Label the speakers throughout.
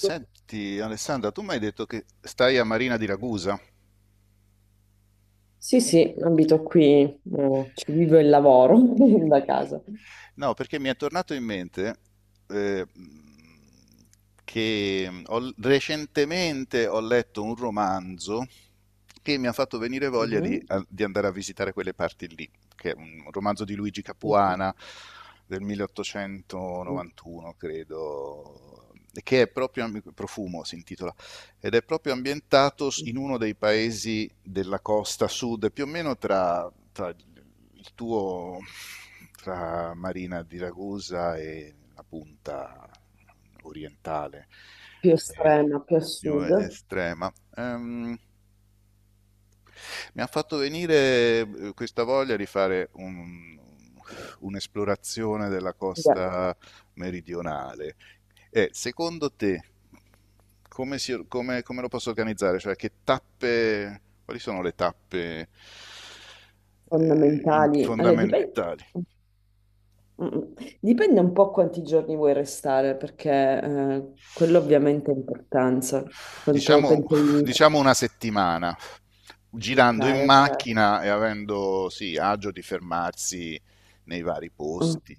Speaker 1: Senti, Alessandra, tu mi hai detto che stai a Marina di Ragusa?
Speaker 2: Sì, sì, abito qui, ci vivo e lavoro da casa.
Speaker 1: No, perché mi è tornato in mente eh, che recentemente ho letto un romanzo che mi ha fatto venire voglia
Speaker 2: Mhm,
Speaker 1: di andare a visitare quelle parti lì, che è un romanzo di Luigi
Speaker 2: mhm,
Speaker 1: Capuana del
Speaker 2: mhm.
Speaker 1: 1891, credo, che è proprio Profumo si intitola, ed è proprio ambientato in uno dei paesi della costa sud, più o meno tra tra il tuo tra Marina di Ragusa e la punta orientale
Speaker 2: Più
Speaker 1: eh,
Speaker 2: estrema, più a
Speaker 1: più
Speaker 2: sud.
Speaker 1: estrema. Mi ha fatto venire questa voglia di fare un'esplorazione della
Speaker 2: Beh,
Speaker 1: costa meridionale. Secondo te, come, come lo posso organizzare? Cioè, che tappe, quali sono le tappe eh,
Speaker 2: fondamentali. Allora, dipende,
Speaker 1: fondamentali?
Speaker 2: un po' quanti giorni vuoi restare, perché quello ovviamente ha importanza. Quanto
Speaker 1: Diciamo,
Speaker 2: pensi di...
Speaker 1: diciamo una settimana,
Speaker 2: Ok,
Speaker 1: girando in
Speaker 2: ok.
Speaker 1: macchina e avendo sì, agio di fermarsi nei vari
Speaker 2: Mm.
Speaker 1: posti,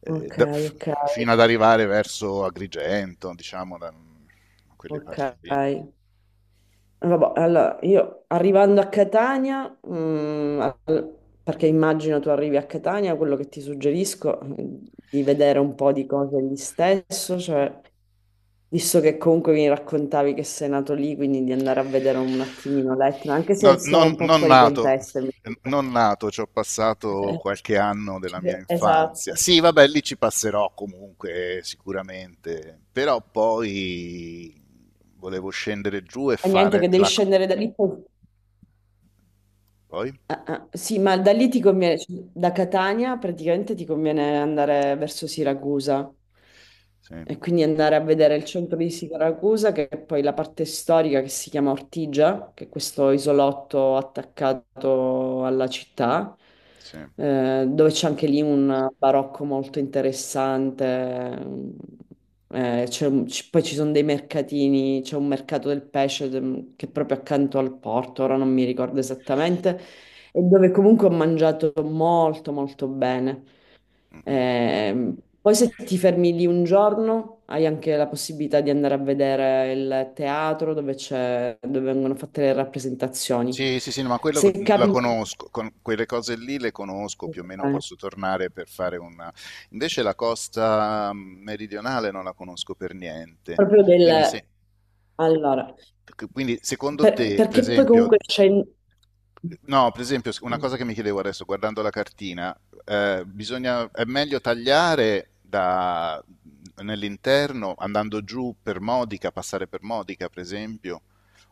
Speaker 1: eh,
Speaker 2: Ok,
Speaker 1: da-
Speaker 2: ok,
Speaker 1: fino ad arrivare verso Agrigento, diciamo, da quelle
Speaker 2: ok.
Speaker 1: parti lì.
Speaker 2: Vabbè, allora io arrivando a Catania, perché immagino tu arrivi a Catania, quello che ti suggerisco è di vedere un po' di cose lì stesso, cioè visto che comunque mi raccontavi che sei nato lì, quindi di andare a vedere un attimino l'Etna, anche se
Speaker 1: No,
Speaker 2: siamo un po'
Speaker 1: non
Speaker 2: fuori
Speaker 1: nato,
Speaker 2: contesto.
Speaker 1: non nato, ci ho passato qualche anno della mia infanzia.
Speaker 2: Esatto.
Speaker 1: Sì, vabbè, lì ci passerò comunque, sicuramente, però poi volevo scendere giù e
Speaker 2: Ma niente,
Speaker 1: fare
Speaker 2: che devi
Speaker 1: la...
Speaker 2: scendere da lì poi.
Speaker 1: Poi?
Speaker 2: Ah, ah, sì, ma da lì ti conviene, cioè, da Catania praticamente ti conviene andare verso Siracusa
Speaker 1: Sì,
Speaker 2: e quindi andare a vedere il centro di Siracusa, che è poi la parte storica che si chiama Ortigia, che è questo isolotto attaccato alla città,
Speaker 1: sì.
Speaker 2: dove c'è anche lì un barocco molto interessante. C'è poi ci sono dei mercatini, c'è un mercato del pesce che è proprio accanto al porto, ora non mi ricordo esattamente, e dove comunque ho mangiato molto molto bene.
Speaker 1: Mhm.
Speaker 2: Ehm, poi se ti fermi lì un giorno hai anche la possibilità di andare a vedere il teatro dove c'è, dove vengono fatte le rappresentazioni.
Speaker 1: Sì, sì, sì, no, ma quello
Speaker 2: Se
Speaker 1: la
Speaker 2: capita.
Speaker 1: conosco, con quelle cose lì le conosco, più o meno
Speaker 2: Ok.
Speaker 1: posso tornare per fare una... Invece la costa meridionale non la conosco per niente,
Speaker 2: Proprio
Speaker 1: quindi
Speaker 2: del.
Speaker 1: se...
Speaker 2: Allora,
Speaker 1: Quindi, secondo
Speaker 2: per-
Speaker 1: te, per
Speaker 2: perché poi comunque
Speaker 1: esempio,
Speaker 2: c'è.
Speaker 1: no, per esempio, una
Speaker 2: Mm.
Speaker 1: cosa che mi chiedevo adesso, guardando la cartina, è meglio tagliare da, nell'interno, andando giù per Modica, passare per Modica, per esempio,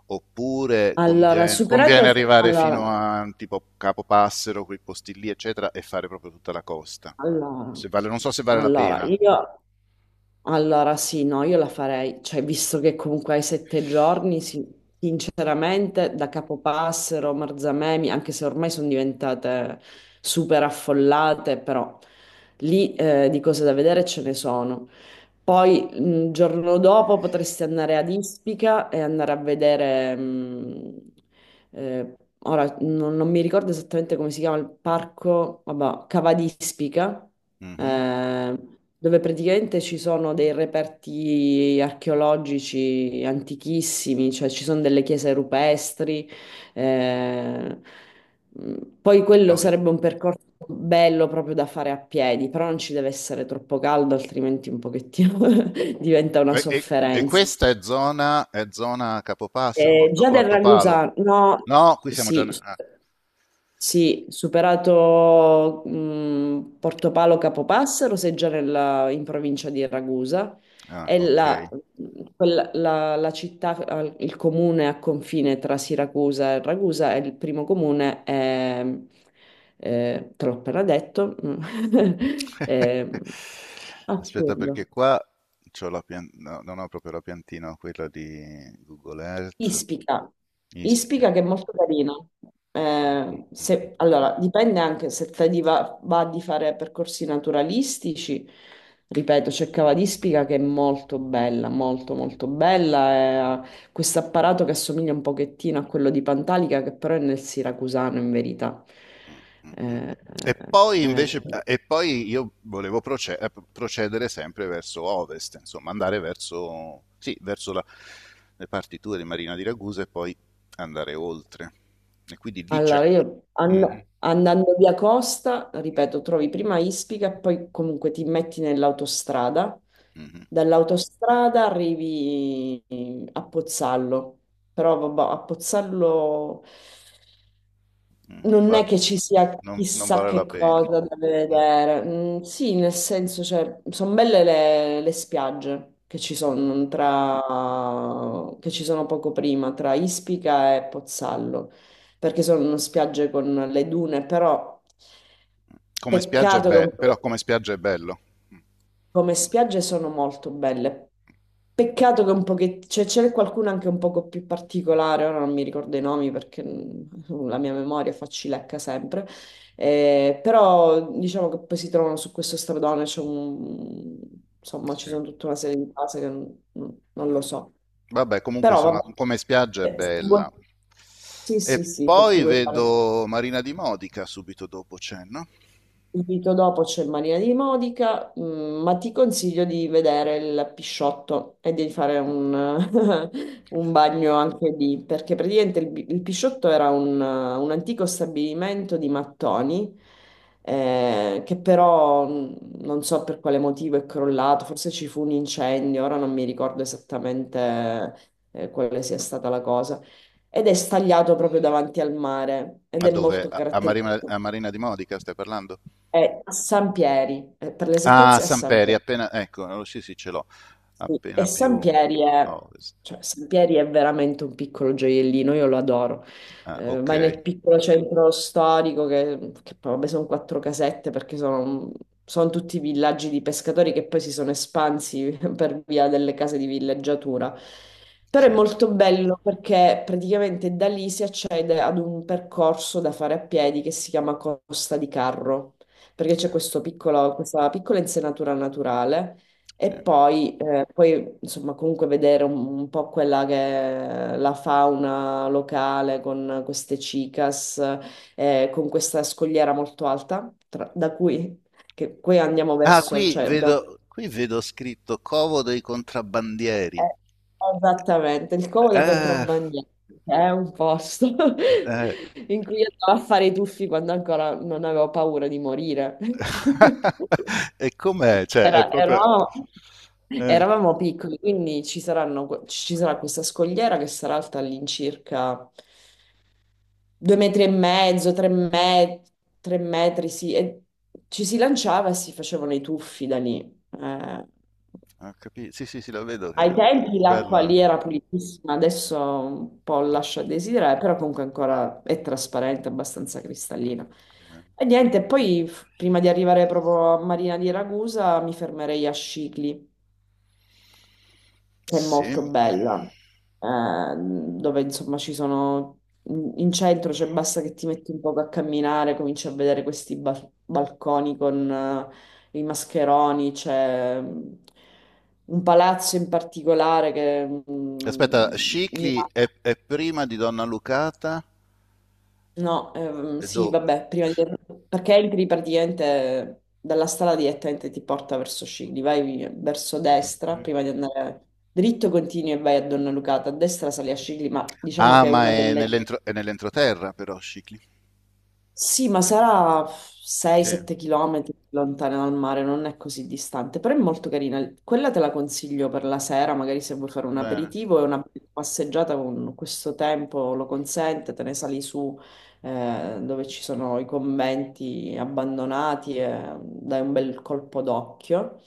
Speaker 1: oppure
Speaker 2: Allora, superata,
Speaker 1: conviene
Speaker 2: sì.
Speaker 1: arrivare fino a tipo Capopassero, quei posti lì, eccetera, e fare proprio tutta la costa.
Speaker 2: Allora,
Speaker 1: Se non so se vale la
Speaker 2: allora,
Speaker 1: pena.
Speaker 2: io. Allora, sì, no, io la farei. Cioè, visto che comunque hai 7 giorni, sì, sinceramente, da Capopassero, Marzamemi, anche se ormai sono diventate super affollate, però lì, di cose da vedere ce ne sono. Poi il giorno dopo potresti andare ad Ispica e andare a vedere, eh, ora non mi ricordo esattamente come si chiama il parco, vabbè, Cava di Ispica,
Speaker 1: Mhm.
Speaker 2: eh, dove praticamente ci sono dei reperti archeologici antichissimi, cioè ci sono delle chiese rupestri. eh, Poi quello sarebbe un percorso bello proprio da fare a piedi, però non ci deve essere troppo caldo, altrimenti un pochettino
Speaker 1: Mh.
Speaker 2: diventa una
Speaker 1: E
Speaker 2: sofferenza.
Speaker 1: questa è zona Capopassero,
Speaker 2: Eh, già del
Speaker 1: Portopalo?
Speaker 2: Ragusa, no,
Speaker 1: No, qui siamo già n
Speaker 2: sì,
Speaker 1: ah,
Speaker 2: sì, superato Portopalo Capopassero, sei già in provincia di Ragusa,
Speaker 1: ah,
Speaker 2: è la,
Speaker 1: okay.
Speaker 2: quella- la- la città, il comune a confine tra Siracusa e Ragusa, è il primo comune, te l'ho appena detto, eh,
Speaker 1: Aspetta
Speaker 2: assurdo.
Speaker 1: perché qua c'ho la pian no, non ho proprio la piantina, ho quella di Google Earth.
Speaker 2: Ispica, Ispica
Speaker 1: Ispica.
Speaker 2: che è molto carina. Eh,
Speaker 1: Mh-mh-mh.
Speaker 2: se- allora, dipende anche se te di va di fare percorsi naturalistici. Ripeto, c'è Cava d'Ispica che è molto bella, molto molto bella. È questo apparato che assomiglia un pochettino a quello di Pantalica, che però è nel siracusano in verità. Eh,
Speaker 1: E poi
Speaker 2: eh,
Speaker 1: invece,
Speaker 2: eh.
Speaker 1: e poi io volevo procedere sempre verso ovest, insomma, andare verso, sì, le partiture di Marina di Ragusa e poi andare oltre. E quindi lì c'è...
Speaker 2: Allora, io
Speaker 1: Mhm,
Speaker 2: andando via Costa, ripeto, trovi prima Ispica e poi comunque ti metti nell'autostrada.
Speaker 1: mhm,
Speaker 2: Dall'autostrada arrivi a Pozzallo, però vabbè, a Pozzallo.
Speaker 1: mm,
Speaker 2: Non è che ci sia
Speaker 1: non, non
Speaker 2: chissà
Speaker 1: vale la
Speaker 2: che
Speaker 1: pena.
Speaker 2: cosa da
Speaker 1: Mm,
Speaker 2: vedere. Mm, sì, nel senso, cioè, sono belle le spiagge che ci
Speaker 1: mm.
Speaker 2: sono tra, che ci sono poco prima, tra Ispica e Pozzallo, perché sono spiagge con le dune, però
Speaker 1: Come spiaggia è
Speaker 2: peccato che un
Speaker 1: bello, però
Speaker 2: po'.
Speaker 1: come spiaggia è bello. Mm,
Speaker 2: Come spiagge sono molto belle. Peccato che un pochettino, cioè c'è qualcuno anche un poco più particolare, ora non mi ricordo i nomi perché la mia memoria facilecca sempre. Però diciamo che poi si trovano su questo stradone, insomma ci
Speaker 1: sì.
Speaker 2: sono tutta una serie di case che non lo so.
Speaker 1: Vabbè, comunque
Speaker 2: Però
Speaker 1: insomma,
Speaker 2: vabbè,
Speaker 1: come spiaggia è
Speaker 2: se vuoi-
Speaker 1: bella.
Speaker 2: sì,
Speaker 1: E
Speaker 2: sì, sì, se ti
Speaker 1: poi
Speaker 2: vuoi fare.
Speaker 1: vedo Marina di Modica subito dopo c'è, no?
Speaker 2: Subito dopo c'è il Marina di Modica, ma ti consiglio di vedere il Pisciotto e di fare un, un bagno anche lì, perché praticamente il Pisciotto era un antico stabilimento di mattoni, che però non so per quale motivo è crollato, forse ci fu un incendio, ora non mi ricordo esattamente, quale sia stata la cosa, ed è stagliato proprio davanti al mare ed
Speaker 1: A
Speaker 2: è
Speaker 1: dove?
Speaker 2: molto caratteristico.
Speaker 1: A Marina di Modica stai parlando?
Speaker 2: È a Sampieri, per
Speaker 1: Ah,
Speaker 2: l'esattezza è
Speaker 1: sì, sì.
Speaker 2: a
Speaker 1: Samperi,
Speaker 2: Sampieri.
Speaker 1: appena... Ecco, oh, sì, sì, ce l'ho.
Speaker 2: Sì, e
Speaker 1: Appena
Speaker 2: San
Speaker 1: più
Speaker 2: Pieri
Speaker 1: a
Speaker 2: è,
Speaker 1: ovest.
Speaker 2: cioè, San Pieri è veramente un piccolo gioiellino, io lo adoro.
Speaker 1: Ah,
Speaker 2: Eh,
Speaker 1: ok,
Speaker 2: vai nel piccolo centro storico, che poi vabbè, sono quattro casette perché sono tutti villaggi di pescatori che poi si sono espansi per via delle case di villeggiatura. Però è
Speaker 1: sì,
Speaker 2: molto bello perché praticamente da lì si accede ad un percorso da fare a piedi che si chiama Costa di Carro, perché
Speaker 1: sì,
Speaker 2: c'è questo questa piccola insenatura naturale e
Speaker 1: sì.
Speaker 2: poi, poi, insomma, comunque vedere un po' quella che è la fauna locale con queste cicas, con questa scogliera molto alta, da cui, che, qui andiamo
Speaker 1: Ah,
Speaker 2: verso, cioè abbiamo.
Speaker 1: qui vedo scritto Covo dei contrabbandieri.
Speaker 2: Eh, Esattamente, il Como dei
Speaker 1: Eh,
Speaker 2: contrabbandieri è un posto
Speaker 1: eh.
Speaker 2: in cui io andavo a fare i tuffi quando ancora non avevo paura di morire.
Speaker 1: E com'è? Cioè, è
Speaker 2: Era-
Speaker 1: proprio...
Speaker 2: eravamo,
Speaker 1: eh,
Speaker 2: eravamo piccoli, quindi ci sarà questa scogliera che sarà alta all'incirca 2,5 m, tre metri, sì, e ci si lanciava e si facevano i tuffi da lì. Eh,
Speaker 1: Sì, sì, sì, la vedo che
Speaker 2: ai
Speaker 1: è
Speaker 2: tempi l'acqua lì
Speaker 1: bella.
Speaker 2: era pulitissima, adesso un po' lascia a desiderare, però comunque ancora è trasparente, abbastanza cristallina. E niente, poi prima di arrivare proprio a Marina di Ragusa mi fermerei a Scicli che è molto
Speaker 1: Sì.
Speaker 2: bella, dove insomma ci sono, in centro, cioè basta che ti metti un poco a camminare, cominci a vedere questi balconi con i mascheroni, c'è un palazzo in particolare che,
Speaker 1: Aspetta,
Speaker 2: ne ha.
Speaker 1: È prima di Donna Lucata
Speaker 2: No,
Speaker 1: e
Speaker 2: sì,
Speaker 1: dove?
Speaker 2: vabbè, perché entri praticamente dalla strada direttamente ti porta verso Scigli, vai verso destra
Speaker 1: Mhm.
Speaker 2: prima di andare dritto, continui e vai a Donna Lucata, a destra sali a Scigli, ma diciamo
Speaker 1: Ah,
Speaker 2: che è
Speaker 1: ma
Speaker 2: una
Speaker 1: è
Speaker 2: delle.
Speaker 1: è nell'entroterra però, Scicli.
Speaker 2: Sì, ma sarà
Speaker 1: Sì,
Speaker 2: 6-7 km lontana dal mare, non è così distante, però è molto carina. Quella te la consiglio per la sera, magari se vuoi fare un
Speaker 1: bene.
Speaker 2: aperitivo e una passeggiata con questo tempo lo consente, te ne sali su, dove ci sono i conventi abbandonati e dai un bel colpo d'occhio.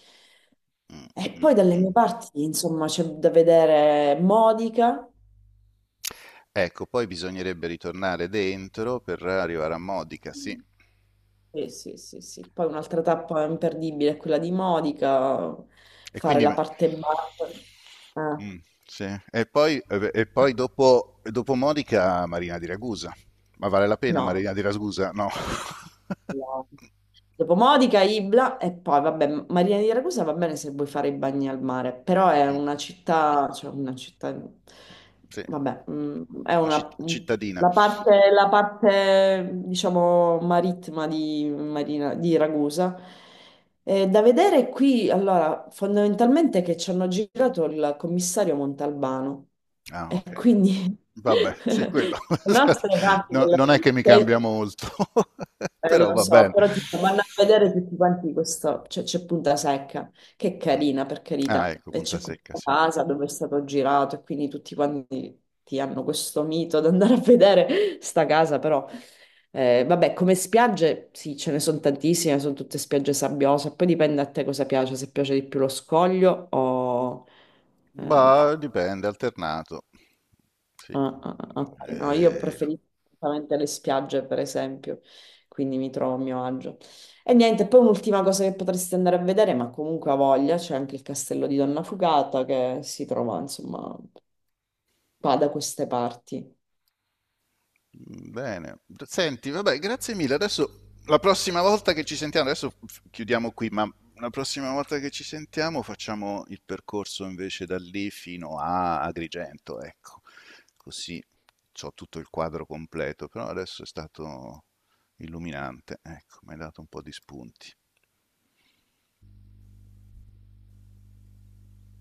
Speaker 1: Mm,
Speaker 2: E
Speaker 1: mm.
Speaker 2: poi dalle mie parti, insomma, c'è da vedere Modica.
Speaker 1: Ecco, poi bisognerebbe ritornare dentro per arrivare a Modica, sì.
Speaker 2: Sì, sì, sì, sì. Poi un'altra tappa imperdibile è quella di Modica,
Speaker 1: E
Speaker 2: fare
Speaker 1: quindi...
Speaker 2: la parte bassa. Eh,
Speaker 1: mm, sì. E poi dopo, dopo Modica, Marina di Ragusa. Ma vale la pena
Speaker 2: no,
Speaker 1: Marina di Ragusa? No.
Speaker 2: dopo Modica, Ibla e poi, vabbè, Marina di Ragusa va bene se vuoi fare i bagni al mare, però è
Speaker 1: Mm,
Speaker 2: una città, cioè una città,
Speaker 1: sì,
Speaker 2: vabbè, è
Speaker 1: una
Speaker 2: una,
Speaker 1: cittadina.
Speaker 2: la parte, diciamo, marittima di, Marina, di Ragusa. Da vedere qui, allora, fondamentalmente che ci hanno girato il commissario Montalbano
Speaker 1: Ah,
Speaker 2: e
Speaker 1: okay.
Speaker 2: quindi
Speaker 1: Vabbè, sì
Speaker 2: le
Speaker 1: quello
Speaker 2: nostre parti,
Speaker 1: no non è che mi cambia molto, però
Speaker 2: lo
Speaker 1: va
Speaker 2: so,
Speaker 1: bene.
Speaker 2: però tipo, vanno a vedere tutti quanti questo, cioè, c'è Punta Secca, che è
Speaker 1: Mh.
Speaker 2: carina per
Speaker 1: Ah
Speaker 2: carità,
Speaker 1: ecco,
Speaker 2: e c'è
Speaker 1: punta secca
Speaker 2: questa
Speaker 1: sì.
Speaker 2: casa dove è stato girato e quindi tutti quanti ti hanno questo mito di andare a vedere sta casa, però vabbè, come spiagge sì, ce ne sono tantissime, sono tutte spiagge sabbiose, poi dipende a te cosa piace, se piace di più lo scoglio o, eh,
Speaker 1: Bah, dipende, alternato, sì,
Speaker 2: Ah, ah, ah, ok. No, io
Speaker 1: ehm.
Speaker 2: preferisco assolutamente le spiagge, per esempio, quindi mi trovo a mio agio. E niente, poi un'ultima cosa che potresti andare a vedere, ma comunque ha voglia, c'è anche il castello di Donna Fugata che si trova, insomma, qua da queste parti.
Speaker 1: Bene, senti, vabbè, grazie mille. Adesso la prossima volta che ci sentiamo, adesso chiudiamo qui, ma la prossima volta che ci sentiamo facciamo il percorso invece da lì fino a Agrigento, ecco. Così ho tutto il quadro completo, però adesso è stato illuminante, ecco, mi hai dato un po' di spunti.